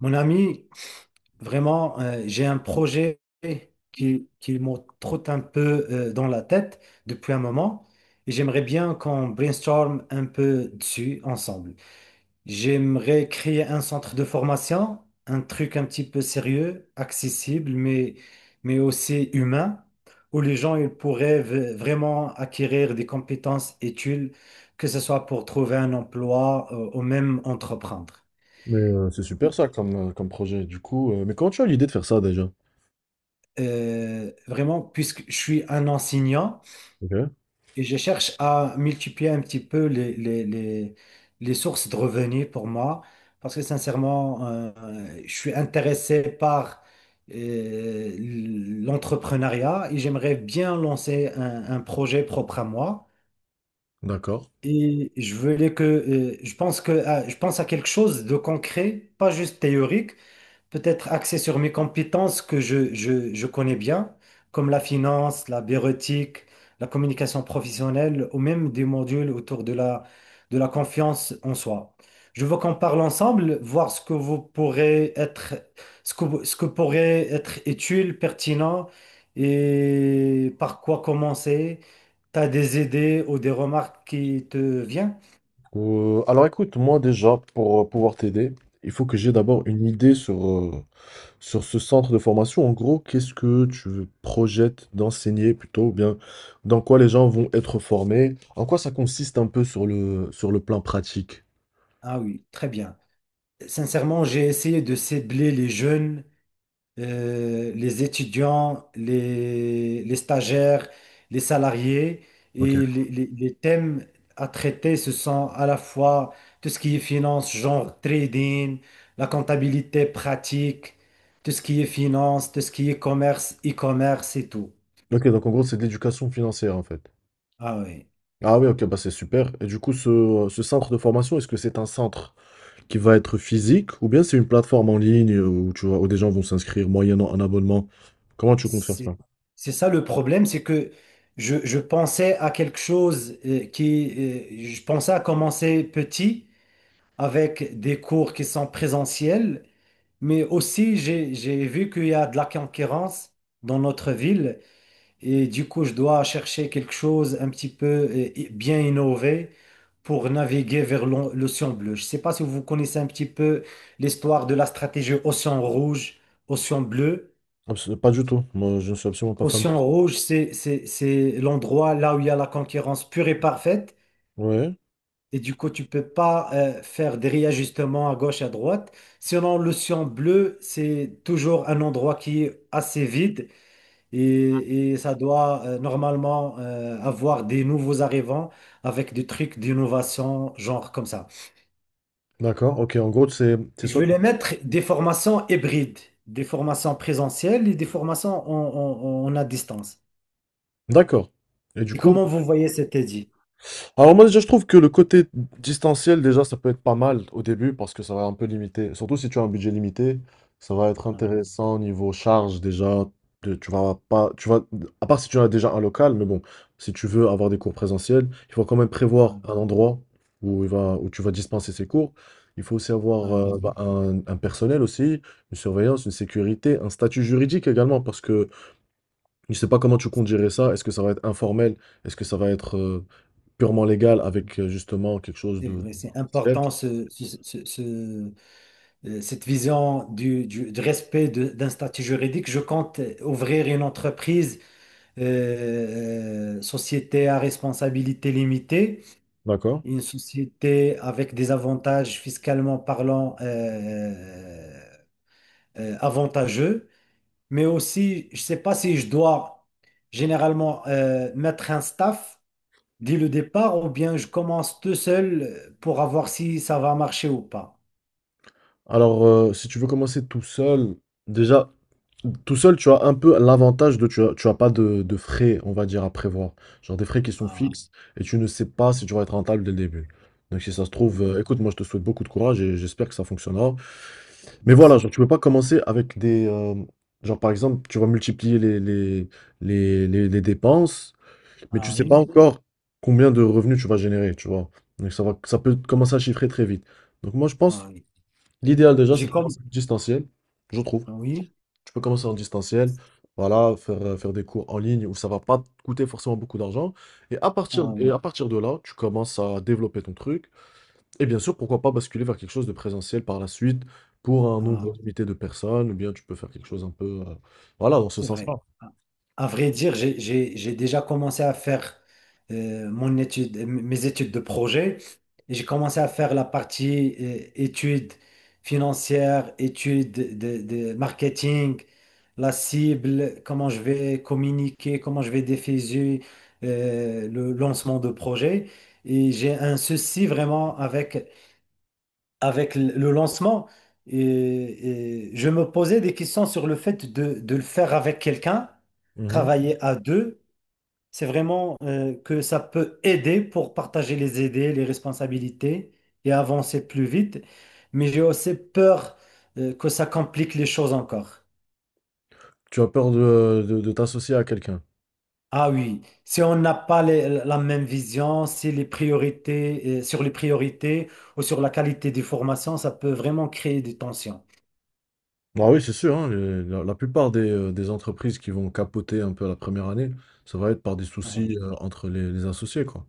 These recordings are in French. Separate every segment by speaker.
Speaker 1: Mon ami, vraiment, j'ai un projet qui me trotte un peu dans la tête depuis un moment et j'aimerais bien qu'on brainstorm un peu dessus ensemble. J'aimerais créer un centre de formation, un truc un petit peu sérieux, accessible, mais aussi humain, où les gens ils pourraient vraiment acquérir des compétences utiles, que ce soit pour trouver un emploi ou même entreprendre.
Speaker 2: Mais c'est super ça comme, comme projet. Du coup, mais comment tu as l'idée de faire ça déjà?
Speaker 1: Vraiment, puisque je suis un enseignant
Speaker 2: Ok,
Speaker 1: et je cherche à multiplier un petit peu les sources de revenus pour moi, parce que sincèrement, je suis intéressé par euh, l'entrepreneuriat et j'aimerais bien lancer un projet propre à moi.
Speaker 2: d'accord.
Speaker 1: Et je voulais que, je pense que, je pense à quelque chose de concret, pas juste théorique, peut-être axé sur mes compétences que je connais bien, comme la finance, la bureautique, la communication professionnelle ou même des modules autour de la confiance en soi. Je veux qu'on parle ensemble, voir ce que vous pourrez être, ce que pourrait être utile, pertinent, et par quoi commencer. Tu as des idées ou des remarques qui te viennent?
Speaker 2: Alors écoute, moi déjà, pour pouvoir t'aider, il faut que j'ai d'abord une idée sur, sur ce centre de formation. En gros, qu'est-ce que tu projettes d'enseigner plutôt, ou bien dans quoi les gens vont être formés, en quoi ça consiste un peu sur le plan pratique.
Speaker 1: Ah oui, très bien. Sincèrement, j'ai essayé de cibler les jeunes, les étudiants, les stagiaires, les salariés.
Speaker 2: Ok.
Speaker 1: Et les thèmes à traiter, ce sont à la fois tout ce qui est finance, genre trading, la comptabilité pratique, tout ce qui est finance, tout ce qui est commerce, e-commerce et tout.
Speaker 2: Ok, donc en gros, c'est de l'éducation financière en fait.
Speaker 1: Ah oui.
Speaker 2: Ah oui, ok, bah c'est super. Et du coup, ce centre de formation, est-ce que c'est un centre qui va être physique, ou bien c'est une plateforme en ligne où, tu vois, où des gens vont s'inscrire moyennant un abonnement? Comment tu comptes faire
Speaker 1: C'est,
Speaker 2: ça?
Speaker 1: c'est ça le problème, c'est que je pensais à quelque chose je pensais à commencer petit avec des cours qui sont présentiels. Mais aussi, j'ai vu qu'il y a de la concurrence dans notre ville et du coup, je dois chercher quelque chose un petit peu bien innové pour naviguer vers l'océan bleu. Je ne sais pas si vous connaissez un petit peu l'histoire de la stratégie océan rouge, océan bleu.
Speaker 2: Abs- pas du tout. Moi, je ne suis absolument pas familier.
Speaker 1: Océan rouge, c'est l'endroit là où il y a la concurrence pure et parfaite.
Speaker 2: Ouais.
Speaker 1: Et du coup, tu peux pas faire des réajustements à gauche à droite. Sinon, l'océan bleu, c'est toujours un endroit qui est assez vide et ça doit normalement avoir des nouveaux arrivants avec des trucs d'innovation, genre comme ça.
Speaker 2: D'accord. Ok. En gros, c'est
Speaker 1: Je
Speaker 2: soit.
Speaker 1: vais les mettre des formations hybrides, des formations présentielles et des formations à distance.
Speaker 2: D'accord. Et du
Speaker 1: Et
Speaker 2: coup,
Speaker 1: comment vous voyez cet édit?
Speaker 2: alors moi déjà je trouve que le côté distanciel déjà ça peut être pas mal au début parce que ça va un peu limiter, surtout si tu as un budget limité, ça va être
Speaker 1: Ah,
Speaker 2: intéressant au niveau charge déjà, de- tu vas pas, tu vas, à part si tu as déjà un local, mais bon, si tu veux avoir des cours présentiels, il faut quand même prévoir
Speaker 1: ah,
Speaker 2: un endroit où il va, où tu vas dispenser ces cours. Il faut aussi avoir
Speaker 1: ah
Speaker 2: bah,
Speaker 1: oui,
Speaker 2: un personnel aussi, une surveillance, une sécurité, un statut juridique également parce que je sais pas comment tu comptes gérer ça, est-ce que ça va être informel, est-ce que ça va être purement légal avec, justement quelque chose
Speaker 1: c'est
Speaker 2: de
Speaker 1: vrai, c'est
Speaker 2: officiel.
Speaker 1: important cette vision du respect d'un statut juridique, je compte ouvrir une entreprise, société à responsabilité limitée,
Speaker 2: D'accord.
Speaker 1: une société avec des avantages fiscalement parlant avantageux, mais aussi, je ne sais pas si je dois généralement mettre un staff dès le départ ou bien je commence tout seul pour avoir si ça va marcher ou pas.
Speaker 2: Alors, si tu veux commencer tout seul, déjà, tout seul, tu as un peu l'avantage de, tu as pas de, de frais, on va dire, à prévoir. Genre des frais qui sont
Speaker 1: Ah,
Speaker 2: fixes et tu ne sais pas si tu vas être rentable dès le début. Donc, si ça se trouve,
Speaker 1: oui,
Speaker 2: écoute, moi, je te souhaite beaucoup de courage et j'espère que ça fonctionnera. Mais voilà, genre,
Speaker 1: merci.
Speaker 2: tu peux pas commencer avec des... genre, par exemple, tu vas multiplier les, les dépenses, mais tu
Speaker 1: Ah
Speaker 2: sais Mhm. pas
Speaker 1: oui.
Speaker 2: encore combien de revenus tu vas générer, tu vois. Donc, ça va, ça peut commencer à chiffrer très vite. Donc, moi, je pense
Speaker 1: Ah oui.
Speaker 2: l'idéal déjà, c'est
Speaker 1: J'ai
Speaker 2: de
Speaker 1: comme,
Speaker 2: commencer en distanciel, je trouve.
Speaker 1: oui,
Speaker 2: Tu peux commencer en distanciel, voilà, faire, faire des cours en ligne où ça va pas te coûter forcément beaucoup d'argent.
Speaker 1: euh,
Speaker 2: Et à partir de là, tu commences à développer ton truc. Et bien sûr, pourquoi pas basculer vers quelque chose de présentiel par la suite pour un
Speaker 1: euh,
Speaker 2: nombre limité de personnes, ou bien tu peux faire quelque chose un peu, voilà, dans ce
Speaker 1: c'est vrai.
Speaker 2: sens-là.
Speaker 1: À vrai dire, j'ai déjà commencé à faire mon étude, mes études de projet. Et j'ai commencé à faire la partie études financières, études de marketing, la cible, comment je vais communiquer, comment je vais diffuser le lancement de projet. Et j'ai un souci vraiment avec avec le lancement, et je me posais des questions sur le fait de le faire avec quelqu'un,
Speaker 2: Mhm.
Speaker 1: travailler à deux. C'est vraiment que ça peut aider pour partager les idées, les responsabilités et avancer plus vite. Mais j'ai aussi peur que ça complique les choses encore.
Speaker 2: Tu as peur de t'associer à quelqu'un.
Speaker 1: Ah oui, si on n'a pas la même vision, si les priorités, sur les priorités ou sur la qualité des formations, ça peut vraiment créer des tensions.
Speaker 2: Ah oui, c'est sûr, hein, les- la plupart des entreprises qui vont capoter un peu à la première année, ça va être par des
Speaker 1: Ah
Speaker 2: soucis
Speaker 1: oui,
Speaker 2: entre les associés, quoi.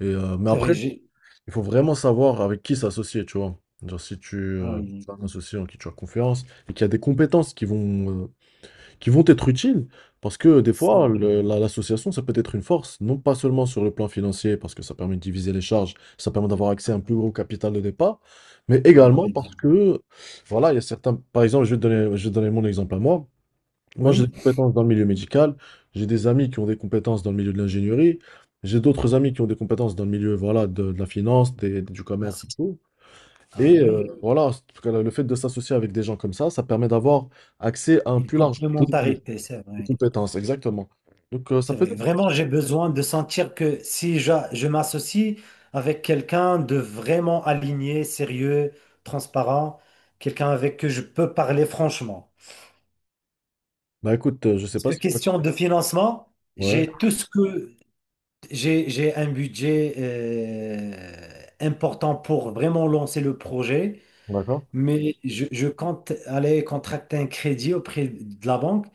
Speaker 2: Et, mais
Speaker 1: c'est
Speaker 2: après,
Speaker 1: vrai, j'ai...
Speaker 2: il faut vraiment savoir avec qui s'associer, tu vois. Genre, si tu,
Speaker 1: Ah oui.
Speaker 2: tu as un associé en qui tu as confiance et qu'il y a des compétences qui vont être utiles, parce que des
Speaker 1: C'est
Speaker 2: fois,
Speaker 1: vrai,
Speaker 2: le- la- l'association, ça peut être une force, non pas seulement sur le plan financier, parce que ça permet de diviser les charges, ça permet d'avoir accès à un plus gros capital de départ, mais
Speaker 1: à
Speaker 2: également
Speaker 1: vrai dire.
Speaker 2: parce que, voilà, il y a certains, par exemple, je vais te donner mon exemple à moi. Moi, j'ai
Speaker 1: Oui,
Speaker 2: des compétences dans le milieu médical, j'ai des amis qui ont des compétences dans le milieu de l'ingénierie, j'ai d'autres amis qui ont des compétences dans le milieu voilà, de la finance, des- du
Speaker 1: ah,
Speaker 2: commerce et
Speaker 1: c'est-
Speaker 2: tout.
Speaker 1: ah
Speaker 2: Et
Speaker 1: oui,
Speaker 2: voilà, en tout cas, le fait de s'associer avec des gens comme ça permet d'avoir accès à un
Speaker 1: une
Speaker 2: plus large pool
Speaker 1: complémentarité, c'est
Speaker 2: de
Speaker 1: vrai.
Speaker 2: compétences, exactement. Donc, ça
Speaker 1: C'est
Speaker 2: peut
Speaker 1: vrai.
Speaker 2: être...
Speaker 1: Vraiment, j'ai besoin de sentir que si je m'associe avec quelqu'un de vraiment aligné, sérieux, transparent, quelqu'un avec qui je peux parler franchement.
Speaker 2: Bah écoute, je sais
Speaker 1: Parce
Speaker 2: pas
Speaker 1: que
Speaker 2: si... tu.
Speaker 1: question de financement,
Speaker 2: Ouais,
Speaker 1: j'ai tout ce que j'ai un budget important pour vraiment lancer le projet.
Speaker 2: d'accord.
Speaker 1: Mais je compte aller contracter un crédit auprès de la banque,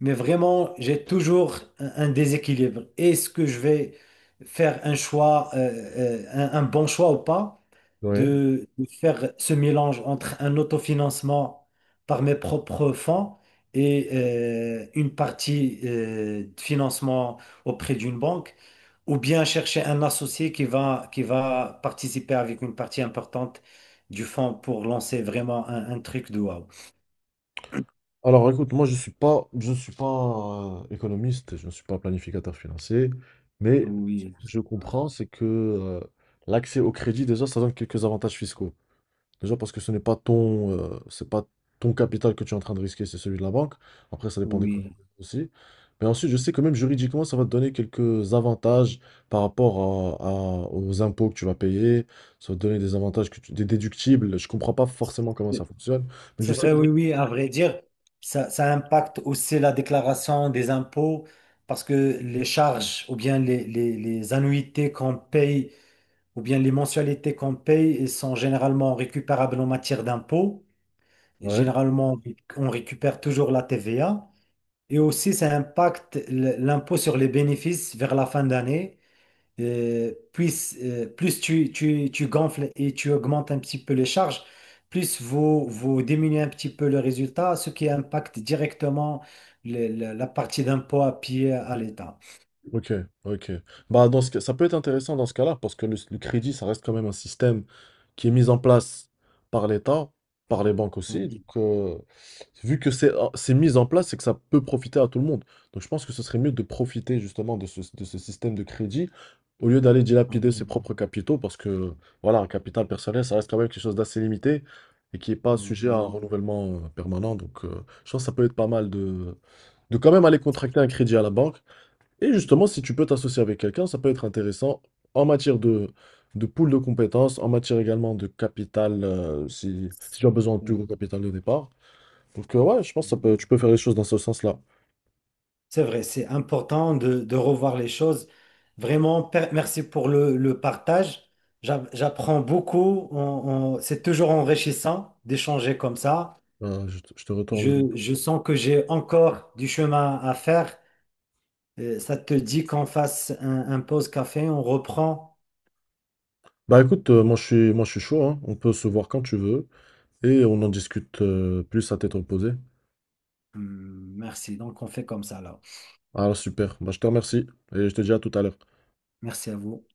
Speaker 1: mais vraiment, j'ai toujours un déséquilibre. Est-ce que je vais faire un choix, un bon choix ou pas,
Speaker 2: Oui.
Speaker 1: de faire ce mélange entre un autofinancement par mes propres fonds et une partie de financement auprès d'une banque? Ou bien chercher un associé qui va participer avec une partie importante du fonds pour lancer vraiment un truc de wow.
Speaker 2: Alors écoute, moi je suis pas, je ne suis pas économiste, je ne suis pas planificateur financier, mais ce
Speaker 1: Oui,
Speaker 2: que je comprends, c'est que l'accès au crédit, déjà, ça donne quelques avantages fiscaux. Déjà parce que ce n'est pas ton, c'est pas ton capital que tu es en train de risquer, c'est celui de la banque. Après, ça dépend des Mhm. clients
Speaker 1: oui.
Speaker 2: aussi. Mais ensuite, je sais que même juridiquement, ça va te donner quelques avantages par rapport aux impôts que tu vas payer. Ça va te donner des avantages que tu- des déductibles. Je comprends pas forcément comment ça fonctionne, mais je
Speaker 1: C'est
Speaker 2: sais
Speaker 1: vrai,
Speaker 2: que...
Speaker 1: oui, oui, à vrai dire, ça impacte aussi la déclaration des impôts parce que les charges ou bien les annuités qu'on paye ou bien les mensualités qu'on paye, elles sont généralement récupérables en matière d'impôts. Et
Speaker 2: Oui.
Speaker 1: généralement, on récupère toujours la TVA. Et aussi, ça impacte l'impôt sur les bénéfices vers la fin d'année. Plus plus tu gonfles et tu augmentes un petit peu les charges, plus vous diminuez un petit peu le résultat, ce qui impacte directement la partie d'impôt à payer à l'État.
Speaker 2: Ok, ok. Bah, dans ce cas- ça peut être intéressant dans ce cas-là, parce que le crédit, ça reste quand même un système qui est mis en place par l'État, par les banques aussi. Donc,
Speaker 1: Mm,
Speaker 2: vu que c'est ah, c'est mis en place, c'est que ça peut profiter à tout le monde. Donc, je pense que ce serait mieux de profiter justement de de ce système de crédit au lieu d'aller dilapider ses
Speaker 1: mm,
Speaker 2: propres capitaux, parce que, voilà, un capital personnel, ça reste quand même quelque chose d'assez limité et qui n'est pas sujet à un renouvellement permanent. Donc, je pense que ça peut être pas mal de quand même aller contracter un crédit à la banque et justement, si tu peux t'associer avec quelqu'un, ça peut être intéressant en matière de pool de compétences, en matière également de capital, si, si tu as besoin de plus
Speaker 1: mm,
Speaker 2: gros capital de départ. Donc, ouais, je pense que ça peut,
Speaker 1: mm.
Speaker 2: tu peux faire les choses dans ce sens-là.
Speaker 1: C'est vrai, c'est important de revoir les choses. Vraiment, merci pour le partage. J'apprends beaucoup. C'est toujours enrichissant d'échanger comme ça.
Speaker 2: Je te retourne. Le-
Speaker 1: Je sens que j'ai encore du chemin à faire. Ça te dit qu'on fasse un pause café, on reprend.
Speaker 2: Bah écoute, moi je suis chaud, hein. On peut se voir quand tu veux et on en discute plus à tête reposée.
Speaker 1: Merci. Donc, on fait comme ça là.
Speaker 2: Alors super, bah, je te remercie et je te dis à tout à l'heure.
Speaker 1: Merci à vous.